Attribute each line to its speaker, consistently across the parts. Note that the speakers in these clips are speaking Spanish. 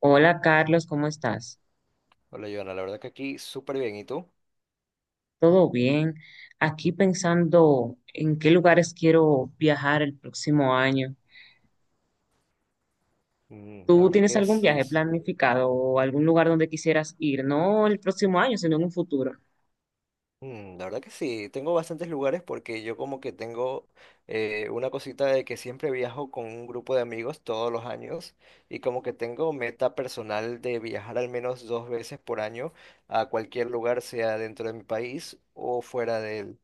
Speaker 1: Hola Carlos, ¿cómo estás?
Speaker 2: Hola, Joana, la verdad que aquí súper bien. ¿Y tú?
Speaker 1: ¿Todo bien? Aquí pensando en qué lugares quiero viajar el próximo año.
Speaker 2: Mm, la
Speaker 1: ¿Tú
Speaker 2: verdad
Speaker 1: tienes
Speaker 2: que
Speaker 1: algún
Speaker 2: sí.
Speaker 1: viaje planificado o algún lugar donde quisieras ir? No el próximo año, sino en un futuro.
Speaker 2: La verdad que sí. Tengo bastantes lugares porque yo como que tengo una cosita de que siempre viajo con un grupo de amigos todos los años y como que tengo meta personal de viajar al menos dos veces por año a cualquier lugar, sea dentro de mi país o fuera de él.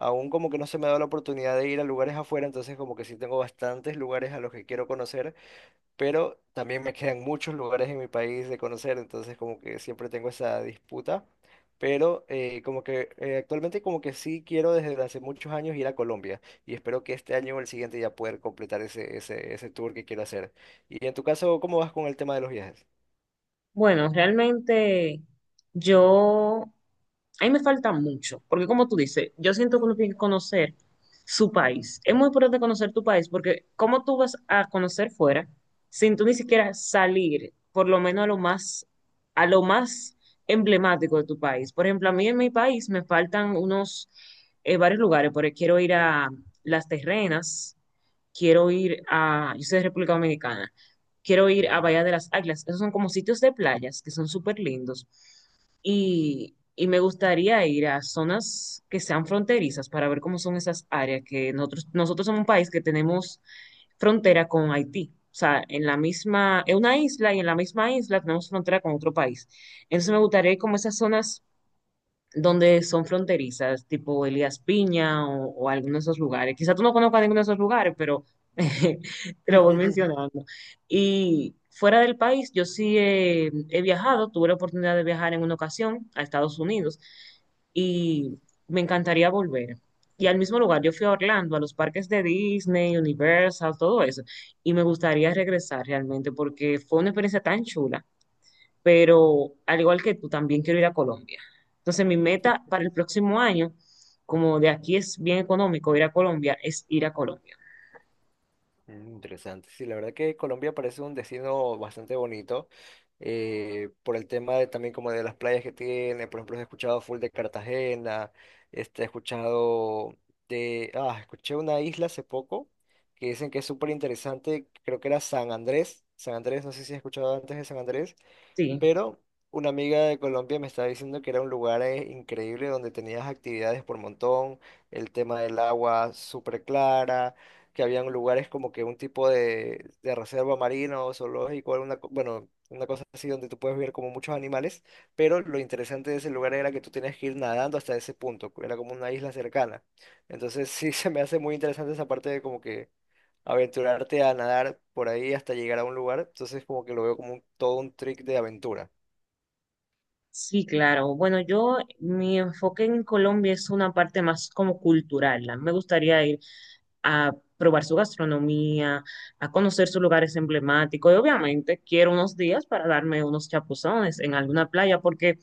Speaker 2: Aún como que no se me ha dado la oportunidad de ir a lugares afuera, entonces como que sí tengo bastantes lugares a los que quiero conocer. Pero también me quedan muchos lugares en mi país de conocer, entonces como que siempre tengo esa disputa, pero como que actualmente como que sí quiero desde hace muchos años ir a Colombia y espero que este año o el siguiente ya poder completar ese tour que quiero hacer. Y en tu caso, ¿cómo vas con el tema de los viajes?
Speaker 1: Bueno, realmente yo, ahí me falta mucho, porque como tú dices, yo siento que uno tiene que conocer su país. Es muy importante conocer tu país, porque ¿cómo tú vas a conocer fuera sin tú ni siquiera salir, por lo menos a lo más emblemático de tu país? Por ejemplo, a mí en mi país me faltan unos, varios lugares, porque quiero ir a Las Terrenas, quiero ir a, yo soy de República Dominicana, quiero ir a
Speaker 2: Ajá.
Speaker 1: Bahía de las Águilas. Esos son como sitios de playas que son súper lindos. Y me gustaría ir a zonas que sean fronterizas para ver cómo son esas áreas, que nosotros somos un país que tenemos frontera con Haití. O sea, en la misma, es una isla y en la misma isla tenemos frontera con otro país. Entonces me gustaría ir como a esas zonas donde son fronterizas, tipo Elías Piña o alguno de esos lugares. Quizá tú no conozcas ninguno de esos lugares, pero te lo voy mencionando. Y fuera del país, yo sí he viajado, tuve la oportunidad de viajar en una ocasión a Estados Unidos y me encantaría volver. Y al mismo lugar, yo fui a Orlando, a los parques de Disney, Universal, todo eso, y me gustaría regresar realmente porque fue una experiencia tan chula, pero al igual que tú, también quiero ir a Colombia. Entonces, mi meta para el próximo año, como de aquí es bien económico ir a Colombia, es ir a Colombia.
Speaker 2: Mm, interesante. Sí, la verdad que Colombia parece un destino bastante bonito por el tema de, también como de las playas que tiene. Por ejemplo, he escuchado full de Cartagena, este, he escuchado de, ah, escuché una isla hace poco que dicen que es súper interesante. Creo que era San Andrés. San Andrés, no sé si has escuchado antes de San Andrés,
Speaker 1: Sí,
Speaker 2: pero una amiga de Colombia me estaba diciendo que era un lugar increíble donde tenías actividades por montón, el tema del agua súper clara, que habían lugares como que un tipo de reserva marina o zoológico, bueno, una cosa así donde tú puedes ver como muchos animales, pero lo interesante de ese lugar era que tú tenías que ir nadando hasta ese punto, era como una isla cercana. Entonces sí se me hace muy interesante esa parte de como que aventurarte a nadar por ahí hasta llegar a un lugar, entonces como que lo veo como todo un trick de aventura.
Speaker 1: sí, claro. Bueno, yo, mi enfoque en Colombia es una parte más como cultural. A mí me gustaría ir a probar su gastronomía, a conocer sus lugares emblemáticos y obviamente quiero unos días para darme unos chapuzones en alguna playa porque,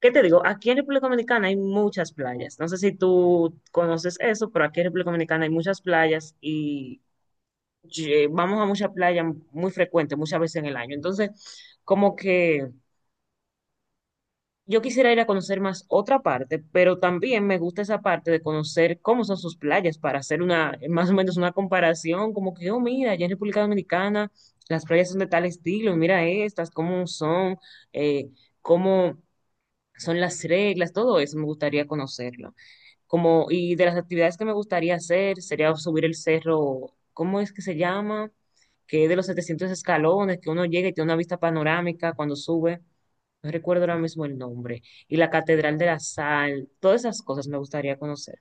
Speaker 1: ¿qué te digo? Aquí en República Dominicana hay muchas playas. No sé si tú conoces eso, pero aquí en República Dominicana hay muchas playas y ye- vamos a muchas playas muy frecuentes, muchas veces en el año. Entonces, como que... yo quisiera ir a conocer más otra parte, pero también me gusta esa parte de conocer cómo son sus playas para hacer una, más o menos una comparación, como que, oh, mira, allá en República Dominicana las playas son de tal estilo, y mira estas, eh, cómo son las reglas, todo eso me gustaría conocerlo. Como, y de las actividades que me gustaría hacer sería subir el cerro, ¿cómo es que se llama? Que es de los 700 escalones, que uno llega y tiene una vista panorámica cuando sube. No recuerdo ahora mismo el nombre. Y la
Speaker 2: Yo
Speaker 1: Catedral de la
Speaker 2: tampoco.
Speaker 1: Sal, todas esas cosas me gustaría conocer.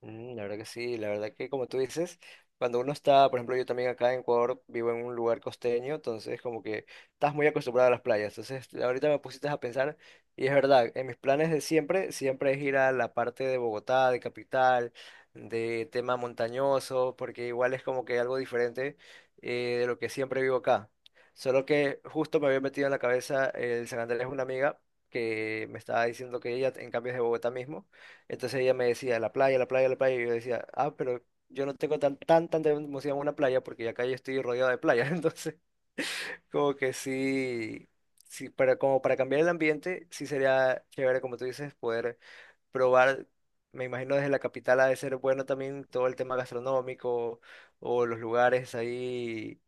Speaker 2: Mm, la verdad que sí, la verdad que como tú dices, cuando uno está, por ejemplo, yo también acá en Ecuador vivo en un lugar costeño, entonces como que estás muy acostumbrado a las playas. Entonces ahorita me pusiste a pensar y es verdad, en mis planes de siempre, siempre es ir a la parte de Bogotá, de capital, de tema montañoso, porque igual es como que algo diferente de lo que siempre vivo acá. Solo que justo me había metido en la cabeza el San Andrés, una amiga que me estaba diciendo que ella en cambio es de Bogotá mismo. Entonces ella me decía, la playa, la playa, la playa. Y yo decía, ah, pero yo no tengo tan, tan, tanta emoción a una playa porque acá yo estoy rodeado de playas. Entonces, como que sí, sí, para, como para cambiar el ambiente, sí sería chévere, como tú dices, poder probar. Me imagino desde la capital ha de ser bueno también todo el tema gastronómico o los lugares ahí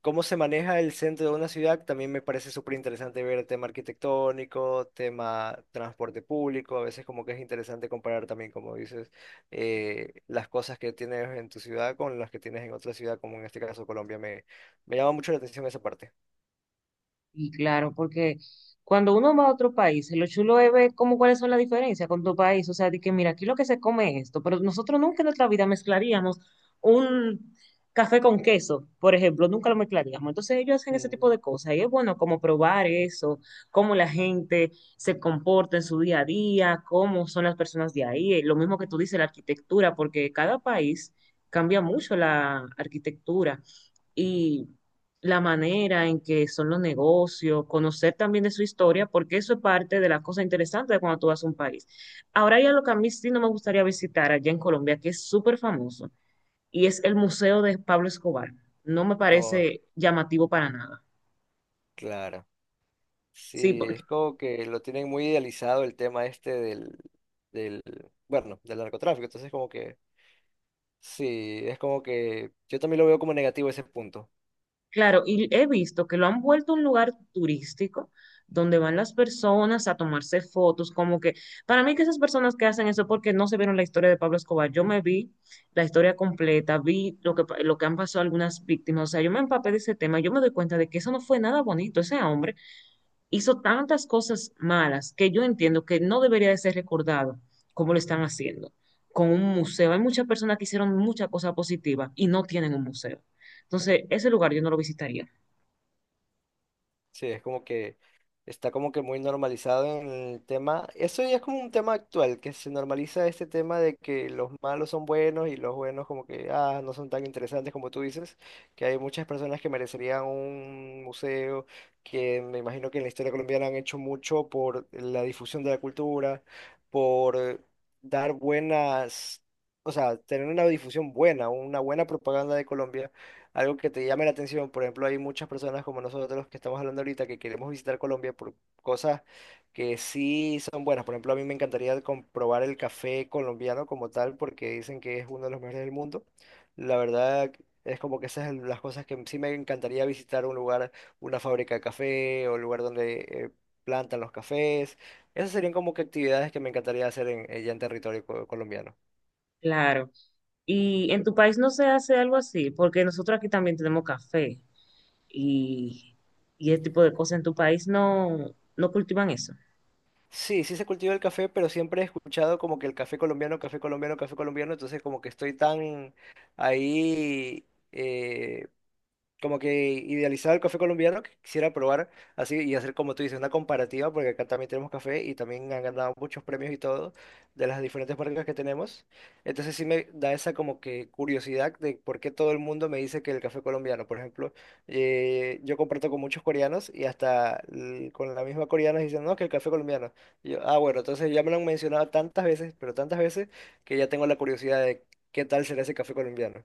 Speaker 2: cómo se maneja el centro de una ciudad, también me parece súper interesante ver el tema arquitectónico, tema transporte público, a veces como que es interesante comparar también, como dices, las cosas que tienes en tu ciudad con las que tienes en otra ciudad, como en este caso Colombia, me llama mucho la atención esa parte.
Speaker 1: Y claro, porque cuando uno va a otro país, lo chulo es ver cómo cuáles son las diferencias con tu país. O sea, de que mira, aquí lo que se come es esto, pero nosotros nunca en nuestra vida mezclaríamos un café con queso, por ejemplo, nunca lo mezclaríamos. Entonces ellos hacen ese tipo
Speaker 2: Mm,
Speaker 1: de cosas y es bueno como probar eso, cómo la gente se comporta en su día a día, cómo son las personas de ahí. Lo mismo que tú dices, la arquitectura, porque cada país cambia mucho la arquitectura. Y la manera en que son los negocios, conocer también de su historia, porque eso es parte de las cosas interesantes de cuando tú vas a un país. Ahora ya lo que a mí sí no me gustaría visitar allá en Colombia, que es súper famoso, y es el Museo de Pablo Escobar. No me
Speaker 2: no,
Speaker 1: parece llamativo para nada.
Speaker 2: claro.
Speaker 1: Sí,
Speaker 2: Sí,
Speaker 1: porque
Speaker 2: es como que lo tienen muy idealizado el tema este del, bueno, del narcotráfico, entonces como que, sí, es como que yo también lo veo como negativo ese punto.
Speaker 1: claro, y he visto que lo han vuelto un lugar turístico donde van las personas a tomarse fotos, como que para mí que esas personas que hacen eso porque no se vieron la historia de Pablo Escobar, yo me vi la historia completa, vi lo que, pa- lo que han pasado algunas víctimas, o sea, yo me empapé de ese tema, yo me doy cuenta de que eso no fue nada bonito, ese hombre hizo tantas cosas malas que yo entiendo que no debería de ser recordado como lo están haciendo con un museo. Hay muchas personas que hicieron muchas cosas positivas y no tienen un museo. Entonces, ese lugar yo no lo visitaría.
Speaker 2: Sí, es como que está como que muy normalizado en el tema. Eso ya es como un tema actual, que se normaliza este tema de que los malos son buenos y los buenos como que ah, no son tan interesantes como tú dices, que hay muchas personas que merecerían un museo, que me imagino que en la historia colombiana han hecho mucho por la difusión de la cultura, por dar buenas, o sea, tener una difusión buena, una buena propaganda de Colombia algo que te llame la atención. Por ejemplo, hay muchas personas como nosotros que estamos hablando ahorita que queremos visitar Colombia por cosas que sí son buenas. Por ejemplo, a mí me encantaría comprobar el café colombiano como tal porque dicen que es uno de los mejores del mundo. La verdad es como que esas son las cosas que sí me encantaría visitar un lugar, una fábrica de café o un lugar donde plantan los cafés. Esas serían como que actividades que me encantaría hacer en, ya en territorio colombiano.
Speaker 1: Claro. ¿Y en tu país no se hace algo así? Porque nosotros aquí también tenemos café y, y ese tipo de cosas. ¿En tu país no, no cultivan eso?
Speaker 2: Sí, sí se cultiva el café, pero siempre he escuchado como que el café colombiano, café colombiano, café colombiano, entonces como que estoy tan ahí, eh, como que idealizaba el café colombiano, que quisiera probar así y hacer como tú dices, una comparativa, porque acá también tenemos café y también han ganado muchos premios y todo de las diferentes marcas que tenemos. Entonces sí me da esa como que curiosidad de por qué todo el mundo me dice que el café colombiano, por ejemplo, yo comparto con muchos coreanos y hasta con la misma coreana dicen, no, que el café colombiano. Y yo, ah, bueno, entonces ya me lo han mencionado tantas veces, pero tantas veces que ya tengo la curiosidad de qué tal será ese café colombiano.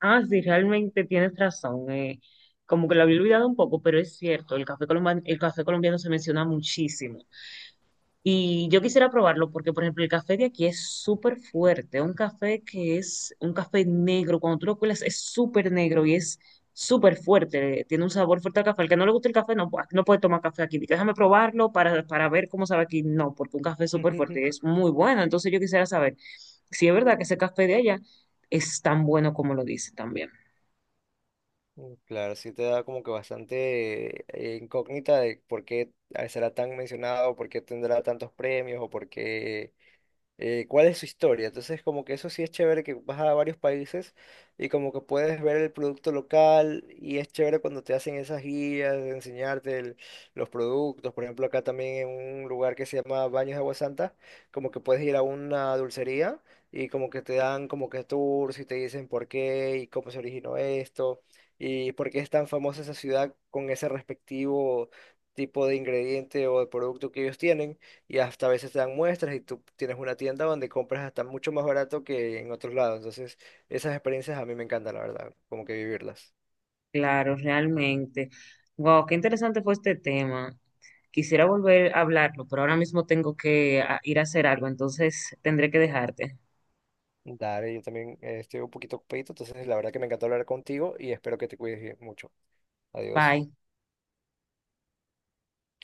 Speaker 1: Ah, sí, realmente tienes razón. Como que lo había olvidado un poco, pero es cierto, el café colombiano se menciona muchísimo. Y yo quisiera probarlo porque, por ejemplo, el café de aquí es súper fuerte. Un café que es un café negro. Cuando tú lo cuelas es súper negro y es súper fuerte. Tiene un sabor fuerte al café. Al que no le gusta el café no, pu- no puede tomar café aquí. Dice, déjame probarlo para ver cómo sabe aquí. No, porque un café es súper fuerte y es muy bueno. Entonces yo quisiera saber si es verdad que ese café de allá es tan bueno como lo dice también.
Speaker 2: Mm, claro, sí te da como que bastante incógnita de por qué será tan mencionado, por qué tendrá tantos premios o por qué cuál es su historia. Entonces, como que eso sí es chévere que vas a varios países y como que puedes ver el producto local y es chévere cuando te hacen esas guías de enseñarte los productos. Por ejemplo, acá también en un lugar que se llama Baños de Agua Santa, como que puedes ir a una dulcería y como que te dan como que tours y te dicen por qué y cómo se originó esto y por qué es tan famosa esa ciudad con ese respectivo tipo de ingrediente o de producto que ellos tienen y hasta a veces te dan muestras y tú tienes una tienda donde compras hasta mucho más barato que en otros lados. Entonces, esas experiencias a mí me encantan, la verdad, como que vivirlas.
Speaker 1: Claro, realmente. Wow, qué interesante fue este tema. Quisiera volver a hablarlo, pero ahora mismo tengo que ir a hacer algo, entonces tendré que dejarte.
Speaker 2: Dale, yo también estoy un poquito ocupadito, entonces la verdad que me encantó hablar contigo y espero que te cuides bien mucho. Adiós.
Speaker 1: Bye.